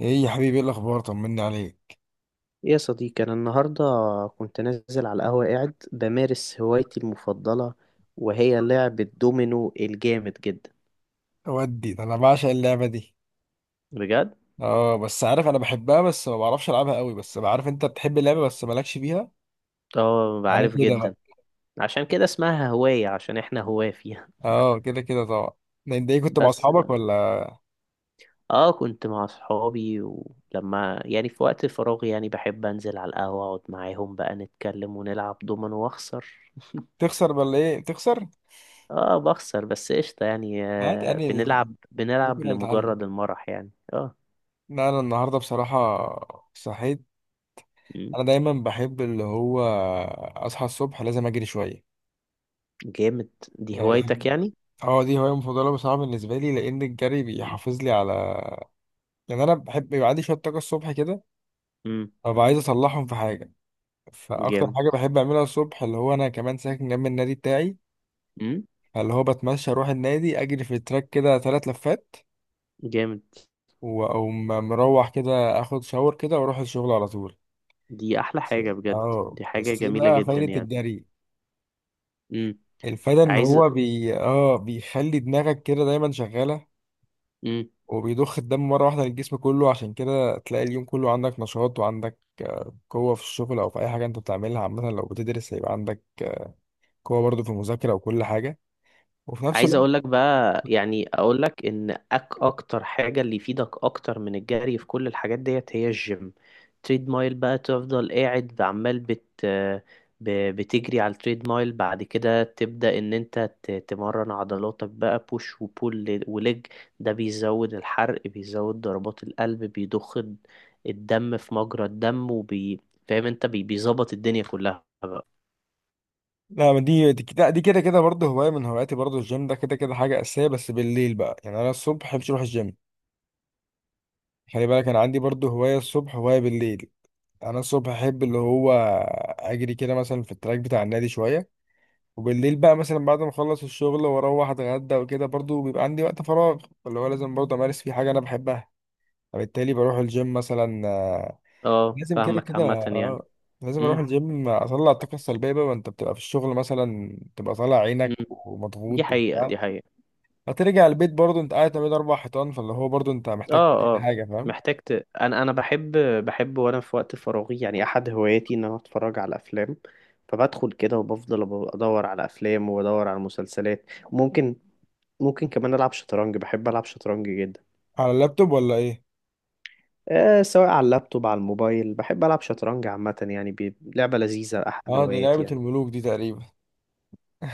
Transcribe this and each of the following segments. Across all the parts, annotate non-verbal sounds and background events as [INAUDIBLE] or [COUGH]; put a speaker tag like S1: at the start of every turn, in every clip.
S1: ايه يا حبيبي، ايه الاخبار؟ طمني عليك.
S2: يا صديقي، أنا النهاردة كنت نازل على القهوة قاعد بمارس هوايتي المفضلة، وهي لعب الدومينو الجامد جدا.
S1: ودي ده انا بعشق اللعبه دي.
S2: بجد.
S1: اه بس عارف، انا بحبها بس ما بعرفش العبها قوي، بس بعرف انت بتحب اللعبه بس مالكش فيها.
S2: اه
S1: انا
S2: عارف
S1: كده
S2: جدا.
S1: بقى.
S2: عشان كده اسمها هواية، عشان احنا هواة فيها.
S1: اه، كده كده طبعا. ده انت ايه
S2: [LAUGHS]
S1: كنت مع
S2: بس
S1: اصحابك
S2: بقى.
S1: ولا؟
S2: اه كنت مع صحابي، ولما في وقت فراغي يعني بحب انزل على القهوة اقعد معاهم بقى، نتكلم ونلعب دومينو واخسر.
S1: تخسر ولا ايه؟ بتخسر؟
S2: [LAUGHS] اه بخسر، بس قشطة يعني.
S1: عادي،
S2: آه،
S1: انا
S2: بنلعب
S1: ممكن
S2: بنلعب
S1: أنا اتعلم.
S2: لمجرد المرح يعني. اه.
S1: لا، انا النهارده بصراحه صحيت.
S2: مم.
S1: انا دايما بحب اللي هو اصحى الصبح، لازم اجري شويه.
S2: جامد. دي
S1: يعني [LAUGHS]
S2: هوايتك يعني؟
S1: اه دي هوايه مفضله بصراحه بالنسبه لي، لان الجري
S2: مم.
S1: بيحافظ لي على، يعني انا بحب يبقى عندي شويه طاقه الصبح كده.
S2: مم.
S1: طب عايز اصلحهم في حاجه، فاكتر
S2: جامد.
S1: حاجه بحب اعملها الصبح اللي هو انا كمان ساكن جنب النادي بتاعي،
S2: مم.
S1: فاللي هو بتمشى اروح النادي اجري في التراك كده 3 لفات،
S2: جامد.
S1: واقوم مروح كده، اخد شاور كده واروح الشغل على طول.
S2: دي احلى
S1: بس-
S2: حاجة بجد.
S1: اه
S2: دي حاجة
S1: بس ايه
S2: جميلة
S1: بقى
S2: جدا
S1: فايده
S2: يعني.
S1: الجري؟
S2: مم.
S1: الفايده ان
S2: عايز.
S1: هو بي اه بيخلي دماغك كده دايما شغاله،
S2: مم.
S1: وبيضخ الدم مره واحده للجسم كله، عشان كده تلاقي اليوم كله عندك نشاط، وعندك قوه في الشغل او في اي حاجه انت بتعملها. عامه لو بتدرس هيبقى عندك قوه برضه في المذاكره وكل حاجه، وفي نفس
S2: عايز اقول
S1: الوقت.
S2: لك بقى، يعني اقول لك ان اكتر حاجه اللي يفيدك اكتر من الجري في كل الحاجات ديت هي الجيم. تريد مايل بقى، تفضل قاعد عمال بتجري على التريد مايل، بعد كده تبدا ان انت تمرن عضلاتك بقى بوش وبول وليج. ده بيزود الحرق، بيزود ضربات القلب، الدم في مجرى الدم، فاهم انت بيظبط الدنيا كلها بقى.
S1: لا، ما دي كده دي كده كده برضه هواية من هواياتي، برضه الجيم ده كده كده حاجة أساسية، بس بالليل بقى يعني أنا الصبح محبش أروح الجيم. خلي بالك أنا عندي برضه هواية الصبح، هواية بالليل. أنا الصبح أحب اللي هو أجري كده مثلا في التراك بتاع النادي شوية، وبالليل بقى مثلا بعد ما أخلص الشغل وأروح أتغدى وكده، برضه بيبقى عندي وقت فراغ اللي هو لازم برضه أمارس فيه حاجة أنا بحبها، فبالتالي بروح الجيم مثلا.
S2: اه
S1: لازم كده
S2: فاهمك
S1: كده،
S2: عامه يعني.
S1: اه لازم اروح
S2: امم
S1: الجيم، اطلع الطاقه السلبيه بقى، ما انت بتبقى في الشغل مثلا تبقى طالع عينك
S2: امم دي
S1: ومضغوط
S2: حقيقه،
S1: وبتاع.
S2: دي حقيقه.
S1: هترجع البيت برضه انت قاعد ما بين 4 حيطان، فاللي هو برضه انت محتاج
S2: اه
S1: تعمل
S2: اه
S1: حاجه، فاهم؟
S2: محتاج ت... انا بحب، بحب وانا في وقت فراغي يعني احد هواياتي ان انا اتفرج على افلام. فبدخل كده وبفضل ادور على افلام وادور على مسلسلات. ممكن كمان العب شطرنج، بحب العب شطرنج جدا.
S1: على اللابتوب ولا ايه؟
S2: آه، سواء على اللابتوب على الموبايل، بحب العب شطرنج عامة يعني. بي... لعبة لذيذة، احد
S1: اه دي
S2: هواياتي
S1: لعبه
S2: يعني.
S1: الملوك دي تقريبا.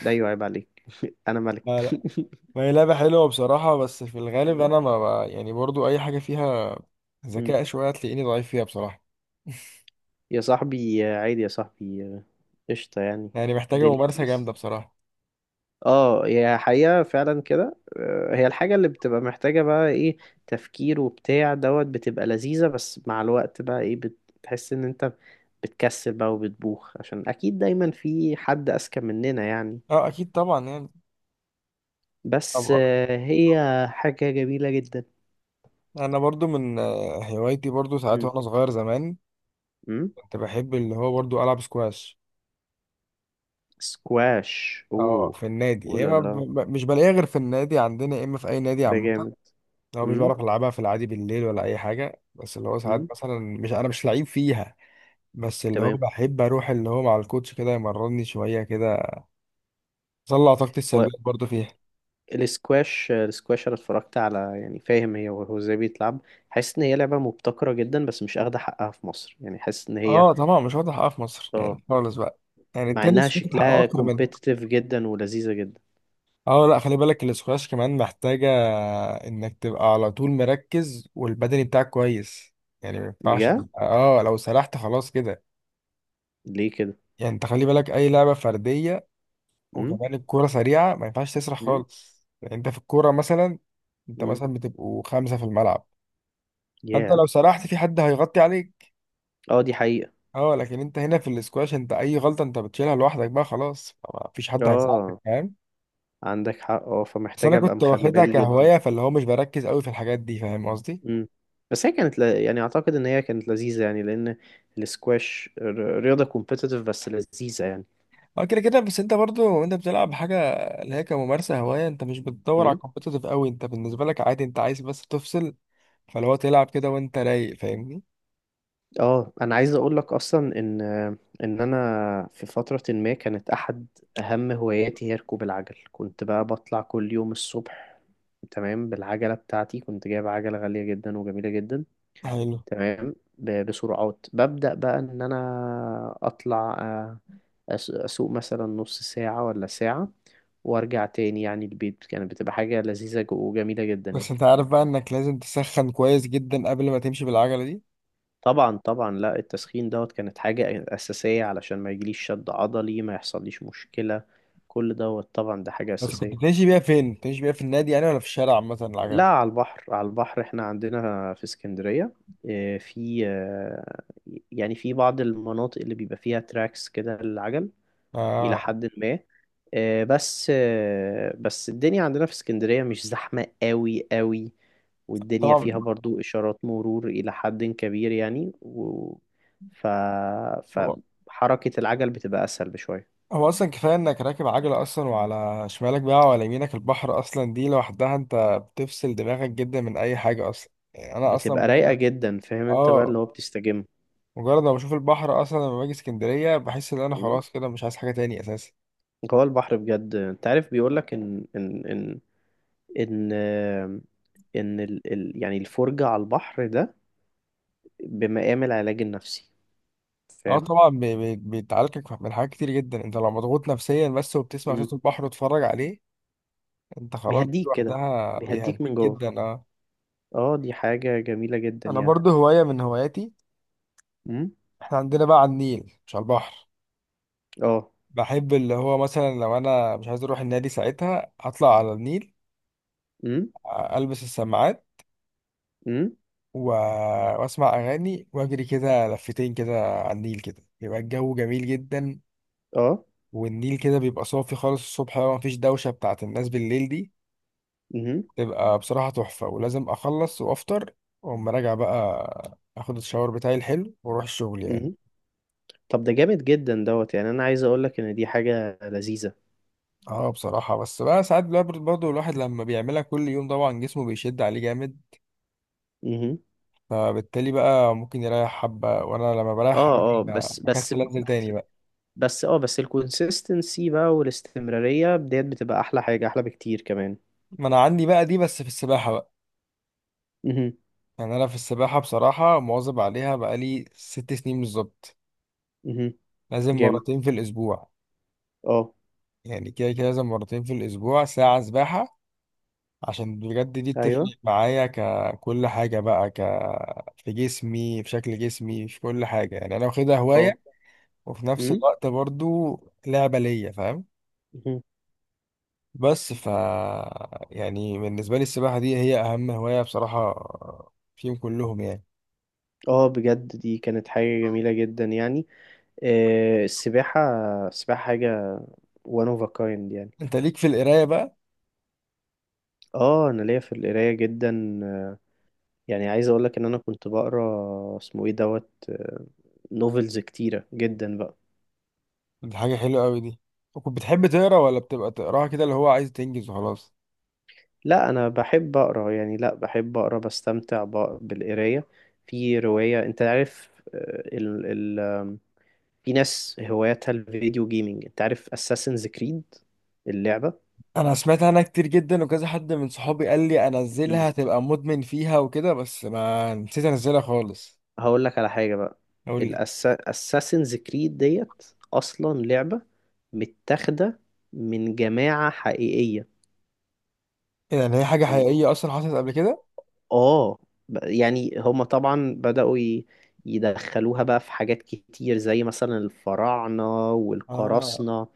S2: ده ايوه، عيب عليك. [LAUGHS] انا ملك.
S1: لا
S2: [LAUGHS]
S1: لا، ما هي لعبه حلوه بصراحه، بس في الغالب انا يعني برضه اي حاجه فيها
S2: مم.
S1: ذكاء شويه هتلاقيني ضعيف فيها بصراحه.
S2: يا صاحبي آه، عادي يا صاحبي آه، قشطة يعني.
S1: يعني محتاجه
S2: الدنيا
S1: ممارسه
S2: بيس.
S1: جامده بصراحه.
S2: اه، هي حقيقة فعلا كده آه، هي الحاجة اللي بتبقى محتاجة بقى ايه؟ تفكير وبتاع دوت، بتبقى لذيذة، بس مع الوقت بقى ايه، بتحس ان انت بتكسل بقى وبتبوخ، عشان اكيد دايما في حد اذكى مننا يعني.
S1: اه اكيد طبعا يعني.
S2: بس
S1: طبعا.
S2: آه، هي حاجة جميلة جدا.
S1: انا برضو من هوايتي برضو ساعات،
S2: مم.
S1: وانا صغير زمان
S2: مم.
S1: كنت بحب اللي هو برضو العب سكواش.
S2: سكواش،
S1: اه
S2: اوه.
S1: في النادي،
S2: اوه
S1: يا
S2: لا
S1: اما
S2: لا.
S1: مش بلاقيها غير في النادي عندنا، يا اما في اي نادي
S2: ده
S1: عامه.
S2: جامد.
S1: لو مش
S2: مم.
S1: بعرف العبها في العادي بالليل ولا اي حاجه، بس اللي هو ساعات
S2: مم.
S1: مثلا مش انا مش لعيب فيها، بس اللي هو
S2: تمام.
S1: بحب اروح اللي هو مع الكوتش كده يمرني شويه كده، اطلع طاقتي السلبيه برضو فيها.
S2: الاسكواش، الاسكواش، انا اتفرجت على يعني فاهم هي، وهو ازاي بيتلعب. حاسس ان هي لعبه مبتكره جدا، بس مش اخده حقها في مصر يعني، حاسس ان هي.
S1: اه طبعا مش واخد حقها في مصر
S2: اه.
S1: يعني خالص بقى، يعني
S2: مع انها
S1: التنس واخد حقه
S2: شكلها
S1: اكتر.
S2: كومبيتيتيف جدا ولذيذه جدا.
S1: اه لا، خلي بالك الاسكواش كمان محتاجة انك تبقى على طول مركز، والبدني بتاعك كويس، يعني ما ينفعش
S2: بجد؟
S1: اه لو سرحت خلاص كده.
S2: ليه كده؟
S1: يعني انت خلي بالك اي لعبة فردية،
S2: امم
S1: وكمان الكورة سريعة، ما ينفعش تسرح
S2: مم.
S1: خالص، يعني انت في الكورة مثلا، انت
S2: امم
S1: مثلا بتبقوا 5 في الملعب، فانت
S2: يا.
S1: لو سرحت في حد هيغطي عليك.
S2: اه دي حقيقه.
S1: اه لكن انت هنا في الاسكواش انت اي غلطة انت بتشيلها لوحدك، بقى خلاص ما فيش حد هيساعدك،
S2: اه،
S1: فاهم؟
S2: عندك حق، اه،
S1: بس
S2: فمحتاج
S1: انا
S2: ابقى
S1: كنت
S2: مخلي
S1: واخدها
S2: بالي جدا.
S1: كهواية، فاللي هو مش بركز قوي في الحاجات دي، فاهم قصدي؟
S2: امم بس هي كانت ل... يعني اعتقد ان هي كانت لذيذه يعني، لان الاسكواش رياضه كومبيتيتيف بس لذيذه
S1: اه كده كده، بس انت برضو انت بتلعب حاجه اللي هي كممارسه هوايه، انت مش بتدور على
S2: يعني.
S1: كومبيتيتيف قوي، انت بالنسبه لك عادي، انت عايز بس تفصل، فلو تلعب كده وانت رايق، فاهمني؟
S2: اه انا عايز اقول لك اصلا ان انا في فتره ما كانت احد اهم هواياتي هي ركوب العجل. كنت بقى بطلع كل يوم الصبح، تمام، بالعجله بتاعتي. كنت جايب عجله غاليه جدا وجميله جدا.
S1: حلو.
S2: تمام، بسرعات. ببدا بقى ان انا اطلع آه، اسوق مثلا نص ساعه ولا ساعه وارجع تاني يعني البيت. كانت بتبقى حاجه لذيذه وجميله جدا
S1: بس
S2: يعني.
S1: انت عارف بقى انك لازم تسخن كويس جدا قبل ما تمشي بالعجله دي.
S2: طبعا لا، التسخين دوت كانت حاجة أساسية، علشان ما يجيليش شد عضلي، ما يحصليش مشكلة. كل دوت طبعا ده حاجة
S1: بس كنت
S2: أساسية.
S1: بتمشي بيها فين؟ بتمشي بيها في النادي يعني ولا في الشارع عامه
S2: لا،
S1: العجله؟
S2: على البحر، على البحر، احنا عندنا في اسكندرية. آه، في آه، يعني في بعض المناطق اللي بيبقى فيها تراكس كده للعجل إلى
S1: اه
S2: حد ما. آه، بس آه، بس الدنيا عندنا في اسكندرية مش زحمة قوي قوي، والدنيا فيها
S1: طبعا.
S2: برضو إشارات مرور إلى حد كبير يعني، و... ف...
S1: هو
S2: فحركة العجل بتبقى أسهل بشوية.
S1: هو اصلا كفايه انك راكب عجله اصلا، وعلى شمالك بقى وعلى يمينك البحر، اصلا دي لوحدها انت بتفصل دماغك جدا من اي حاجه، اصلا يعني انا اصلا
S2: بتبقى رايقة جدا، فاهم انت بقى،
S1: اه
S2: اللي هو بتستجم.
S1: مجرد ما بشوف البحر اصلا لما باجي اسكندريه بحس ان انا
S2: مم.
S1: خلاص كده مش عايز حاجه تاني اساسا.
S2: هو البحر بجد، انت عارف بيقولك ان ان ان آم، ان ال... ال... يعني الفرجة على البحر ده بمقام العلاج النفسي،
S1: اه
S2: فاهم.
S1: طبعا بيتعالجك من حاجات كتير جدا، انت لو مضغوط نفسيا بس وبتسمع صوت البحر وتتفرج عليه، انت خلاص
S2: بيهديك كده،
S1: لوحدها
S2: بيهديك
S1: بيهديك
S2: من جوه.
S1: جدا، اه.
S2: اه دي حاجة جميلة جدا
S1: انا
S2: يعني.
S1: برضو هوايه من هواياتي،
S2: امم
S1: احنا عندنا بقى على النيل مش على البحر.
S2: اه.
S1: بحب اللي هو مثلا لو انا مش عايز اروح النادي ساعتها اطلع على النيل،
S2: امم
S1: البس السماعات
S2: امم
S1: و... واسمع اغاني، واجري كده لفتين كده على النيل كده يبقى الجو جميل جدا.
S2: اه.
S1: والنيل كده بيبقى صافي خالص الصبح بقى، مفيش دوشة بتاعت الناس بالليل دي،
S2: امم
S1: تبقى بصراحة تحفة، ولازم أخلص وأفطر، وأقوم راجع بقى، أخد الشاور بتاعي الحلو وأروح الشغل يعني.
S2: امم طب ده جامد جدا دوت يعني، انا عايز اقول لك ان دي حاجة لذيذة.
S1: اه بصراحة، بس بقى ساعات بقى برضه الواحد لما بيعملها كل يوم طبعا جسمه بيشد عليه جامد،
S2: امم
S1: فبالتالي بقى ممكن يريح حبة، وأنا لما بريح
S2: اه اه،
S1: حبة
S2: بس بس
S1: بكسل أنزل
S2: بس
S1: تاني بقى.
S2: اه، بس الكونسيستنسي بقى والاستمرارية ديت بتبقى احلى حاجة، احلى بكتير كمان.
S1: ما أنا عندي بقى دي بس في السباحة بقى،
S2: امم
S1: يعني أنا في السباحة بصراحة مواظب عليها بقالي 6 سنين بالظبط.
S2: امم
S1: لازم
S2: جامد.
S1: مرتين في الأسبوع،
S2: اه.
S1: يعني كده كده لازم مرتين في الأسبوع ساعة سباحة، عشان بجد دي بتفرق
S2: ايوه.
S1: معايا ككل حاجة بقى، في جسمي، في شكل جسمي، في كل حاجة، يعني أنا واخدها
S2: اه.
S1: هواية، وفي نفس
S2: امم
S1: الوقت برضو لعبة ليا، فاهم؟
S2: مهم.
S1: بس يعني بالنسبة لي السباحة دي هي أهم هواية بصراحة فيهم كلهم يعني.
S2: اه بجد دي كانت حاجة جميلة جدا يعني. آه، السباحة، السباحة حاجة وان اوف كايند يعني.
S1: أنت ليك في القراية بقى.
S2: اه انا ليا في القرايه جدا آه، يعني عايز اقول لك ان انا كنت بقرا اسمه ايه دوت آه، نوفلز كتيره جدا بقى.
S1: دي حاجة حلوة أوي دي، وكنت بتحب تقرا، ولا بتبقى تقراها كده اللي هو عايز تنجز وخلاص؟
S2: لا انا بحب اقرا يعني، لا بحب اقرا بستمتع بالقرايه. في روايه، انت عارف آه، ال آم، في ناس هواياتها الفيديو جيمنج، انت عارف اساسنز كريد، اللعبه؟
S1: انا سمعت عنها كتير جدا، وكذا حد من صحابي قال لي انزلها تبقى مدمن فيها وكده، بس ما نسيت انزلها خالص.
S2: هقول لك على حاجة بقى.
S1: قول لي.
S2: الأساسنز كريد ديت أصلا لعبة متاخدة من جماعة حقيقية.
S1: يعني هي حاجه
S2: يعني
S1: حقيقيه اصلا حصلت قبل كده؟
S2: آه، يعني هما طبعا يدخلوها بقى في حاجات كتير زي مثلا الفراعنة
S1: اه
S2: والقراصنة،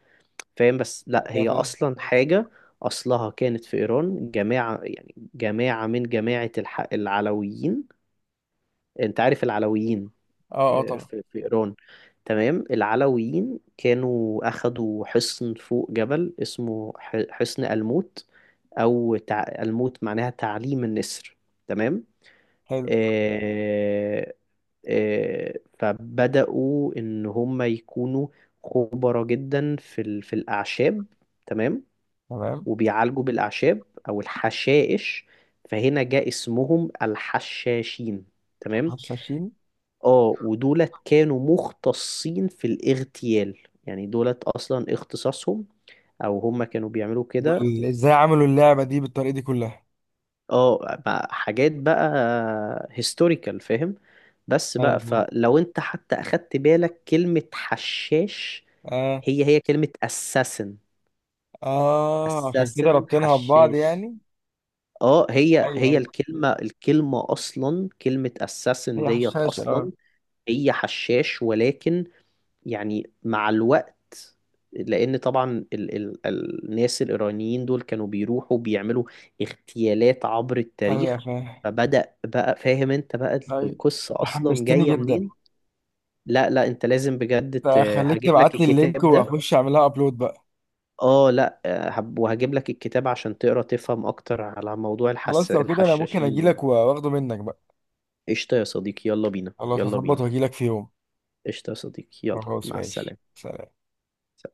S2: فاهم. بس لأ،
S1: يا
S2: هي
S1: فاهم.
S2: أصلا حاجة أصلها كانت في إيران. جماعة، يعني جماعة من جماعة العلويين. أنت عارف العلويين
S1: اه اه طبعا.
S2: في في إيران. تمام، العلويين كانوا أخدوا حصن فوق جبل اسمه حصن الموت. أو الموت معناها تعليم النسر، تمام.
S1: حلو.
S2: آه... آه... فبدأوا إن هم يكونوا خبراء جدا في في الأعشاب، تمام.
S1: تمام.
S2: وبيعالجوا بالأعشاب أو الحشائش، فهنا جاء اسمهم الحشاشين، تمام.
S1: حشاشين.
S2: اه ودولت كانوا مختصين في الاغتيال. يعني دولت اصلا اختصاصهم، او هم كانوا بيعملوا كده.
S1: دول ازاي عملوا اللعبه دي بالطريقه دي كلها؟
S2: اه، بقى حاجات بقى هيستوريكال، فاهم. بس
S1: ايوه
S2: بقى،
S1: فاهم.
S2: فلو انت حتى اخدت بالك كلمة حشاش،
S1: اه.
S2: هي كلمة assassin.
S1: اه عشان كده
S2: assassin
S1: ربطينها ببعض
S2: حشاش.
S1: يعني.
S2: اه، هي
S1: ايوه
S2: هي
S1: ايوه.
S2: الكلمة، الكلمة اصلا كلمة assassin
S1: هي
S2: ديت
S1: حشاشة، اه.
S2: اصلا هي حشاش. ولكن يعني مع الوقت، لأن طبعا ال الناس الإيرانيين دول كانوا بيروحوا بيعملوا اغتيالات عبر
S1: ايوه
S2: التاريخ،
S1: يا فاهم.
S2: فبدأ بقى، فاهم انت بقى
S1: ايوه، انت
S2: القصة أصلا
S1: حمستني
S2: جاية
S1: جدا.
S2: منين؟ لا لا انت لازم بجد
S1: طيب، خليك
S2: هجيب لك
S1: تبعت لي اللينك
S2: الكتاب ده.
S1: واخش اعملها ابلود بقى.
S2: اه لا آه، وهجيب لك الكتاب عشان تقرا تفهم اكتر على موضوع
S1: خلاص لو كده انا ممكن
S2: الحشاشين دول.
S1: اجيلك واخده منك بقى.
S2: قشطة يا صديقي، يلا بينا
S1: خلاص،
S2: يلا
S1: هظبط
S2: بينا.
S1: واجيلك في يوم.
S2: قشطة يا صديقي، يلا،
S1: خلاص
S2: مع
S1: ماشي،
S2: السلامة.
S1: سلام.